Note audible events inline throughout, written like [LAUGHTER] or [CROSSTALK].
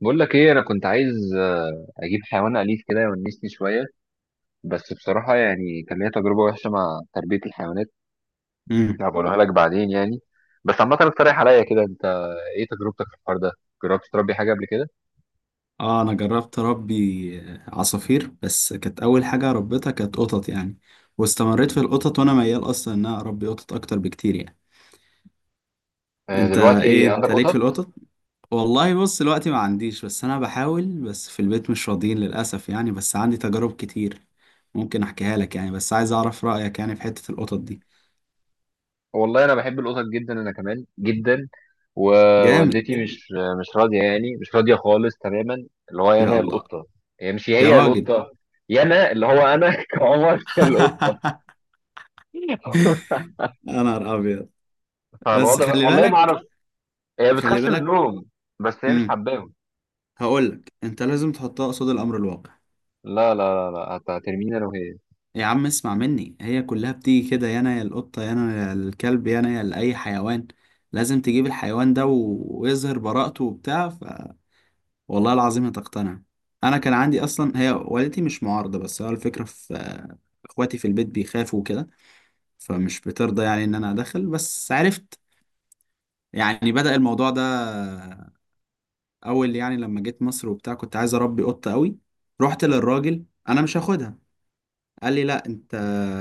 بقول لك ايه، انا كنت عايز اجيب حيوان اليف كده يونسني شويه. بس بصراحه يعني كان ليا تجربه وحشه مع تربيه الحيوانات. مم. هبقولها لك بعدين يعني. بس عامه اقترح عليا كده انت، ايه تجربتك في الحوار ده؟ جربت تربي حاجه قبل كده؟ اه، انا جربت اربي عصافير، بس كانت اول حاجه ربيتها كانت قطط يعني. واستمريت في القطط، وانا ميال اصلا ان انا اربي قطط اكتر بكتير يعني. انت دلوقتي ايه، عندك انت ليك قطط؟ في القطط؟ والله بص، دلوقتي ما عنديش، بس انا بحاول، بس في البيت مش راضيين للاسف يعني. بس عندي تجارب كتير ممكن احكيها لك يعني، بس عايز اعرف رايك يعني في حته القطط دي. والله انا بحب القطط جدا، انا كمان جدا. جامد! ووالدتي مش راضيه يعني، مش راضيه خالص تماما. اللي هو يا انا الله. القطه. هي مش، يا هي راجل. القطه. يا انا اللي هو انا [LAUGHS] كعمر القطه. [LAUGHS] [LAUGHS] يا نهار ابيض. بس فالوضع خلي والله ما بالك. اعرف. هي خلي بتخاف من بالك. النوم. بس هي مش مم. حباهم. هقولك، انت لازم تحطها قصاد الامر الواقع. لا، لا، لا، لا، هترميني انا وهي. يا عم اسمع مني، هي كلها بتيجي كده، يا انا يا القطه، يا انا يا الكلب، يا انا يا لاي حيوان. لازم تجيب الحيوان ده ويظهر براءته وبتاع والله العظيم هتقتنع. انا كان عندي اصلا، هي والدتي مش معارضه، بس هو الفكره في اخواتي في البيت بيخافوا كده، فمش بترضى يعني ان انا ادخل. بس عرفت يعني بدأ الموضوع ده اول يعني لما جيت مصر وبتاع كنت عايز اربي قطه قوي. رحت للراجل، انا مش هاخدها. قال لي لا انت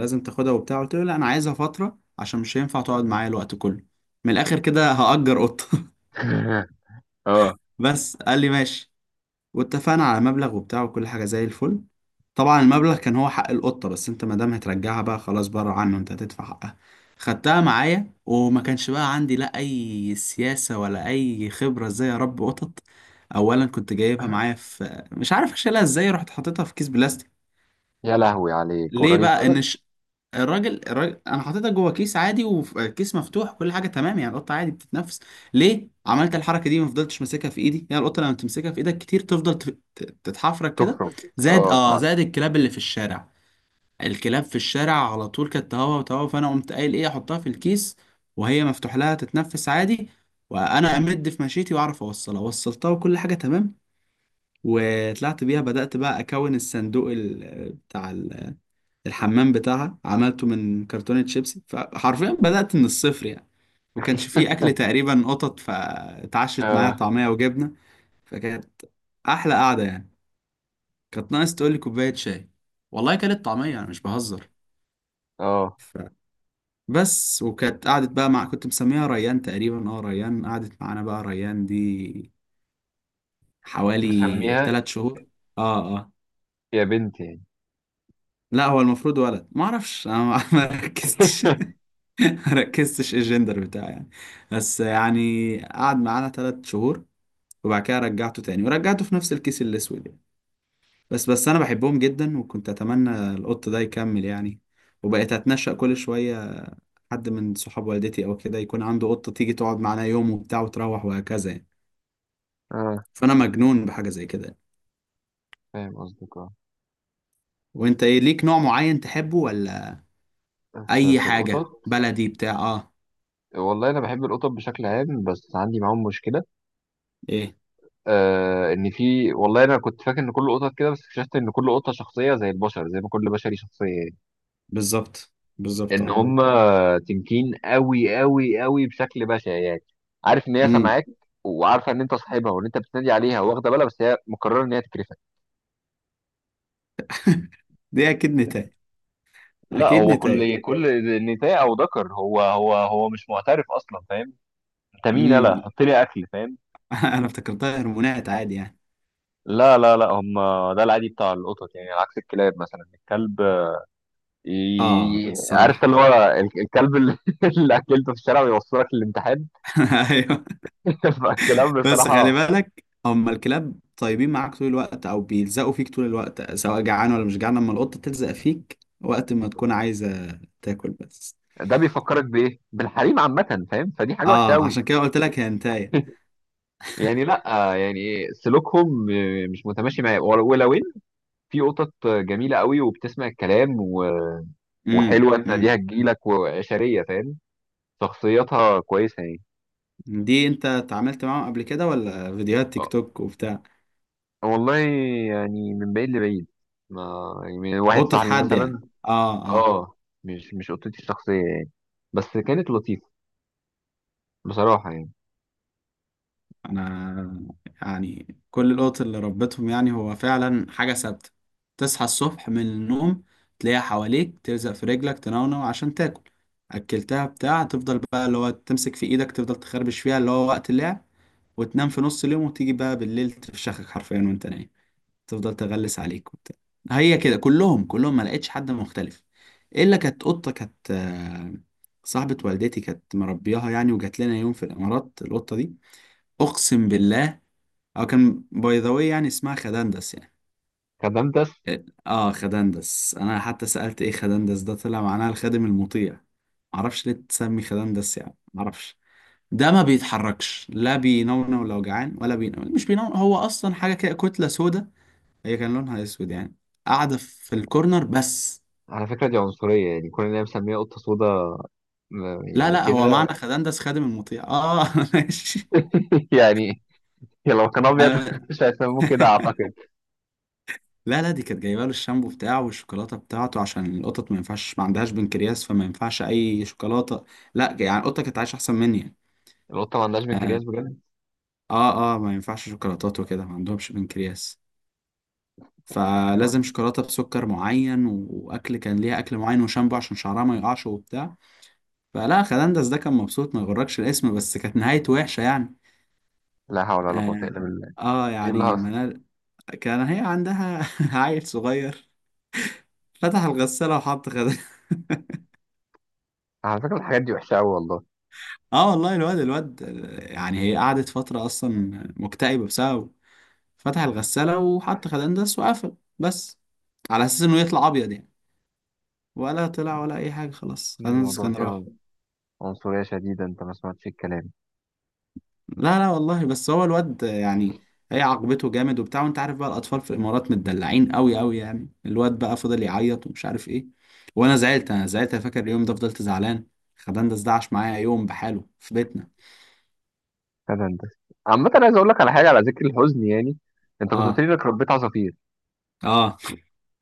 لازم تاخدها وبتاع. قلت له لا، انا عايزها فتره عشان مش هينفع تقعد معايا الوقت كله، من الاخر كده هأجر قطه. [LAUGHS] اه. [LAUGHS] بس قال لي ماشي. واتفقنا على مبلغ وبتاع وكل حاجه زي الفل. طبعا المبلغ كان هو حق القطه، بس انت ما دام هترجعها بقى خلاص بره عنه، انت هتدفع حقها. خدتها معايا، وما كانش بقى عندي لا اي سياسه ولا اي خبره ازاي اربي قطط. اولا كنت جايبها معايا في، مش عارف اشيلها ازاي، رحت حاططها في كيس بلاستيك. يا لهوي عليك، ليه والراجل بقى سابك. الراجل انا حاططها جوه كيس عادي، وكيس مفتوح، كل حاجه تمام يعني، القطه عادي بتتنفس. ليه عملت الحركه دي؟ ما فضلتش ماسكها في ايدي يعني، القطه لما تمسكها في ايدك كتير تفضل تتحفرك كده، تفرج. زائد اه، اه طبعا. زائد الكلاب اللي في الشارع. الكلاب في الشارع على طول كانت تهوى وتهوى، فانا قمت قايل ايه، احطها في الكيس وهي مفتوح لها تتنفس عادي، وانا امد في مشيتي واعرف اوصلها. وصلتها وكل حاجه تمام، وطلعت بيها. بدأت بقى اكون الصندوق بتاع الحمام بتاعها، عملته من كرتونة شيبسي، فحرفيا بدأت من الصفر يعني. وكانش فيه أكل [LAUGHS] تقريبا قطط، فاتعشت معايا اه، طعمية وجبنة. فكانت أحلى قعدة يعني، كانت ناقص تقول لي كوباية شاي. والله كانت طعمية، أنا مش بهزر. اه. ف... بس وكانت قعدت بقى، مع كنت مسميها ريان تقريبا، اه ريان، قعدت معانا بقى ريان دي حوالي مسميها. 3 شهور. اه اه. يا بنتي يعني. لا هو المفروض ولد، ما اعرفش انا، ما [LAUGHS] ما ركزتش. [LAUGHS] [LAUGHS] ركزتش ايه الجندر بتاعه يعني. بس يعني قعد معانا 3 شهور، وبعد كده رجعته تاني، ورجعته في نفس الكيس الاسود يعني. بس انا بحبهم جدا، وكنت اتمنى القط ده يكمل يعني. وبقيت اتنشأ كل شويه، حد من صحاب والدتي او كده يكون عنده قطه تيجي تقعد معانا يوم وبتاع وتروح، وهكذا يعني. اه. فانا مجنون بحاجه زي كده يعني. فاهم قصدك، اه. وانت ايه ليك نوع معين تحبه ولا في اي في حاجه القطط. بلدي بتاع؟ اه. والله انا بحب القطط بشكل عام، بس عندي معاهم مشكله. ايه. ان في، والله انا كنت فاكر ان كل قطط كده، بس اكتشفت ان كل قطه شخصيه زي البشر، زي ما كل بشري شخصيه يعني. بالظبط. بالظبط ان اه. هم تنكين قوي قوي قوي بشكل بشع يعني. عارف ان هي امم. سامعاك، وعارفه ان انت صاحبها وان انت بتنادي عليها واخده بالها، بس هي مقرره ان هي تكرفك. دي اكيد نتاية. لا، اكيد هو نتاية. كل نساء او ذكر هو مش معترف اصلا، فاهم. انت مين؟ انا حط لي اكل، فاهم. [LAUGHS] انا افتكرتها هرمونات عادي يعني. لا، لا، لا، هم. ده العادي بتاع القطط يعني، عكس الكلاب مثلا الكلب. اه عارف ده الصراحه. اللي هو، الكلب اللي [LAUGHS] اللي اكلته في الشارع ويوصلك للامتحان. [LAUGHS] ايوه. [LAUGHS] فالكلاب بس خلي بصراحه. بالك، هم الكلاب طيبين معاك طول الوقت او بيلزقوا فيك طول الوقت، سواء جعان ولا مش جعان. لما القطه تلزق فيك، وقت ما تكون عايزه تاكل بس. ده بيفكرك بايه؟ بالحريم عامه، فاهم؟ فدي حاجه وحشه اه، قوي. عشان كده قلت لك هي هنتايه. يعني، لا يعني، سلوكهم مش متماشي معايا، ولو ان في قطط جميله قوي وبتسمع الكلام امم. وحلوه تناديها امم. تجيلك وعشريه، فاهم. شخصيتها كويسه يعني. دي انت اتعاملت معاهم قبل كده ولا فيديوهات تيك أه، توك وبتاع؟ والله يعني، من بعيد لبعيد، ما يعني، من واحد قطه صاحبي حد يعني. مثلا. اه. آه. اه، مش قطتي الشخصيه يعني. بس كانت لطيفه، بصراحه يعني. انا يعني كل القط اللي ربيتهم يعني، هو فعلا حاجة ثابتة. تصحى الصبح من النوم، تلاقيها حواليك تلزق في رجلك تنونو عشان تاكل اكلتها بتاع تفضل بقى اللي هو تمسك في ايدك تفضل تخربش فيها، اللي هو وقت اللعب. وتنام في نص اليوم، وتيجي بقى بالليل تفشخك حرفيا وانت نايم، تفضل تغلس عليك وبتاع. هي كده كلهم، كلهم ما لقيتش حد مختلف، الا كانت قطة، كانت صاحبة والدتي كانت مربياها يعني، وجات لنا يوم في الامارات القطة دي. اقسم بالله، اه كان باي ذا واي يعني اسمها خدندس يعني. كدمتس؟ اه خدندس، انا حتى سألت ايه خدندس ده، طلع معناها الخادم المطيع. معرفش ليه تسمي خدندس يعني، معرفش. ده ما بيتحركش، لا بينونو لو جعان، ولا بينونو، مش بينونو، هو اصلا حاجه كده كتله سودا، هي كان لونها اسود يعني، قاعده في الكورنر بس. على فكره، دي عنصريه يعني، كون ان هي مسميه قطه سودا، لا يعني لا، هو معنى كده. خدندس خادم المطيع، اه. [LAUGHS] ماشي. [LAUGHS] يعني لو كان ابيض [LAUGHS] مش هيسموه كده اعتقد. لا لا، دي كانت جايبه له الشامبو بتاعه والشوكولاته بتاعته، عشان القطط ما ينفعش، ما عندهاش بنكرياس، فما ينفعش اي شوكولاته. لا يعني القطه كانت عايشه احسن مني يعني. القطه ما عندهاش بنكرياس بجد؟ اه اه ما ينفعش شوكولاتات وكده، ما عندهمش بنكرياس، فلازم أيوة. شوكولاته بسكر معين، واكل كان ليها اكل معين، وشامبو عشان شعرها ما يقعش وبتاع. فلا، خلاندس ده كان مبسوط، ما يغركش الاسم، بس كانت نهايته وحشه يعني. لا حول ولا قوه اه. الا بالله. ايه يعني الهص؟ منال كان هي عندها [LAUGHS] عيل صغير، فتح الغساله وحط خدها. [LAUGHS] على فكره، الحاجات دي وحشه قوي والله. اه والله، الواد الواد يعني هي قعدت فترة أصلا مكتئبة بسببه. فتح الغسالة وحط خدندس وقفل بس، على أساس إنه يطلع أبيض يعني. ولا طلع ولا أي حاجة، خلاص خدندس الموضوع كان فيها راح. عنصريه شديده، انت ما سمعتش الكلام. لا لا والله، بس هو الواد يعني، هي عاقبته جامد وبتاع. وأنت عارف بقى الأطفال في الإمارات متدلعين أوي أوي، يعني الواد بقى فضل يعيط ومش عارف إيه. وأنا زعلت، أنا زعلت، أنا فاكر اليوم ده فضلت زعلان. خدندس ده عاش معايا يوم بحاله في بيتنا. هذا انت. عامه، عايز اقول لك على حاجه، على ذكر الحزن يعني، انت كنت قلت اه لي انك ربيت عصافير. اه.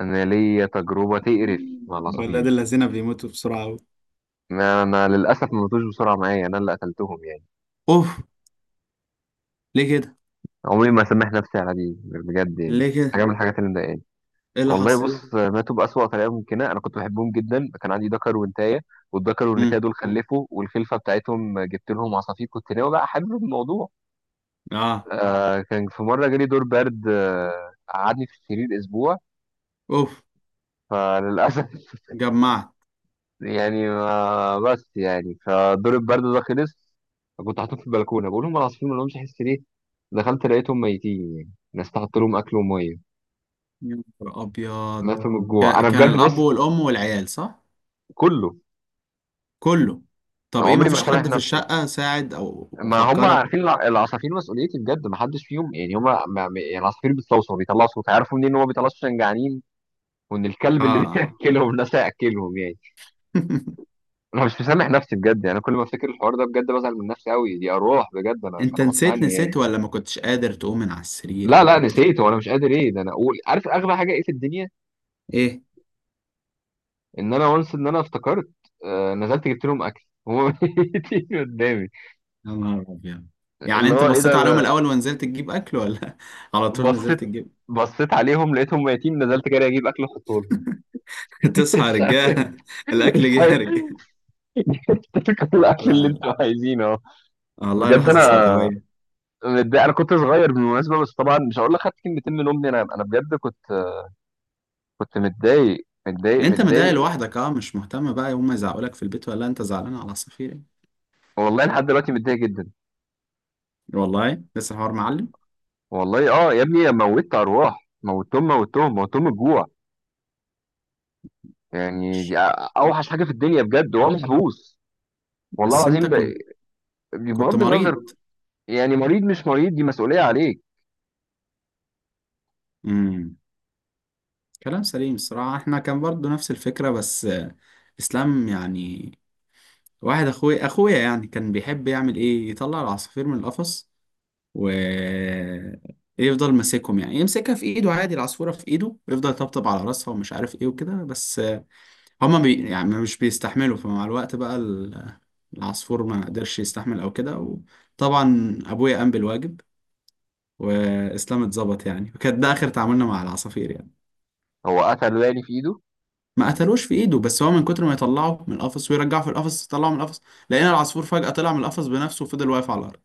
انا ليا تجربه تقرف مع [LAUGHS] ولاد العصافير. الذين بيموتوا بسرعة. ما انا للاسف ما ماتوش بسرعه معايا، انا اللي قتلتهم يعني. اوف. ليه كده؟ عمري ما سامح نفسي على دي بجد يعني. ليه كده؟ حاجه من الحاجات اللي مضايقاني. ايه اللي والله حصل؟ بص، ماتوا بأسوأ طريقة ممكنة، أنا كنت بحبهم جدا، كان عندي دكر ونتاية. والدكر والنتاية امم. دول خلفوا، والخلفة بتاعتهم جبت لهم عصافير، كنت ناوي بقى أحلل الموضوع. اه. كان في مرة جالي دور برد، قعدني في السرير أسبوع. اوف. فللأسف [LAUGHS] جمعت. يعني ما بس يعني، فدور البرد ده خلص. كنت حاطط في البلكونة، بقول لهم العصافير ما لهمش حس ليه؟ دخلت لقيتهم ميتين يعني، ناس تحط لهم أكل ومية. يا نهار ابيض. ماتوا من الجوع، أنا كان بجد الاب بص. والام والعيال صح؟ كله. كله. طب ايه، عمري مفيش ما سامح حد في نفسي. الشقة ساعد او ما هم فكرك؟ عارفين العصافير مسؤوليتي بجد، ما حدش فيهم يعني، هم يعني العصافير بتصوصو، بيطلعوا صوت، عارفوا منين ان هو بيطلعوا صوت عشان جعانين. وان الكلب اللي [LAUGHS] اه. بياكلهم الناس هياكلهم يعني. [LAUGHS] انا مش مسامح نفسي بجد يعني، انا كل ما افتكر الحوار ده بجد بزعل من نفسي قوي، دي اروح بجد، انا انت كان غصب نسيت، عني نسيت يعني. ولا ما كنتش قادر تقوم من على السرير لا، لا، وكنت نسيت وانا مش قادر، ايه ده، انا اقول، عارف اغلى حاجه ايه في الدنيا؟ ايه. ان انا وانس، ان انا افتكرت. نزلت جبت لهم اكل، هم [LAUGHS] ميتين قدامي. يا نهار ابيض. يعني اللي انت هو ايه بصيت ده عليهم ده الاول ونزلت تجيب اكل، ولا [LAUGHS] على طول بصيت نزلت تجيب؟ بصيت عليهم لقيتهم ميتين، نزلت جري اجيب اكل احطه لهم. [LAUGHS] تصحى يا رجاله، [LAUGHS] [LAUGHS] الاكل جه يا أيوه. رجاله. [LAUGHS] كل الأكل اللي لا لا. أنتم عايزينه أهو. والله بجد لحظة أنا سوداوية. متضايق، أنا كنت صغير بالمناسبة، بس طبعًا مش هاقول لك خدت كلمتين من أمي، أنا بجد كنت، كنت متضايق، متضايق، انت مضايق متضايق. لوحدك، اه، مش مهتم بقى هما يزعقولك في البيت ولا انت زعلان على عصافير يعني. والله لحد دلوقتي متضايق جدًا، والله لسه الحوار معلم. والله يا ابني، موّتت أرواح، موّتتهم، موّتتهم، موّتتهم الجوع، يعني دي أوحش حاجة في الدنيا بجد وهو محبوس، والله بس انت العظيم كنت بغض مريض. النظر، يعني مريض مش مريض، دي مسؤولية عليك، امم. كلام سليم، الصراحة احنا كان برضو نفس الفكرة بس اسلام يعني، واحد اخويا يعني كان بيحب يعمل ايه، يطلع العصافير من القفص و يفضل ماسكهم يعني، يمسكها في ايده عادي، العصفورة في ايده ويفضل يطبطب على راسها ومش عارف ايه وكده، بس هما يعني مش بيستحملوا. فمع الوقت بقى العصفور ما قدرش يستحمل او كده. وطبعا ابويا قام بالواجب، واسلام اتظبط يعني، وكان ده اخر تعاملنا مع العصافير يعني. هو قتل يعني في إيده؟ ما قتلوش في ايده، بس هو من كتر ما يطلعه من القفص ويرجعه في القفص يطلعه من القفص، لقينا العصفور فجأة طلع من القفص بنفسه وفضل واقف على الارض.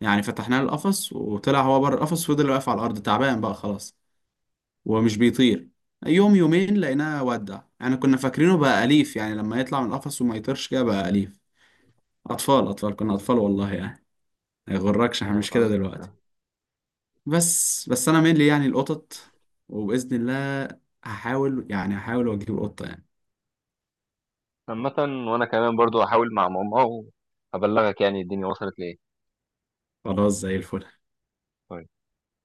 يعني فتحنا له القفص، وطلع هو بره القفص وفضل واقف على الارض تعبان بقى خلاص، ومش بيطير. يوم يومين لقيناه ودع يعني. كنا فاكرينه بقى أليف يعني، لما يطلع من القفص وما يطيرش كده بقى أليف. اطفال اطفال كنا، اطفال والله يعني، ما يغركش احنا فاهم مش كده قصدك. دلوقتي. بس انا مين لي يعني القطط، وباذن الله هحاول يعني، هحاول واجيب قطه يعني. عامة، وانا كمان برضو هحاول مع ماما، وابلغك يعني الدنيا وصلت لايه. خلاص زي الفل.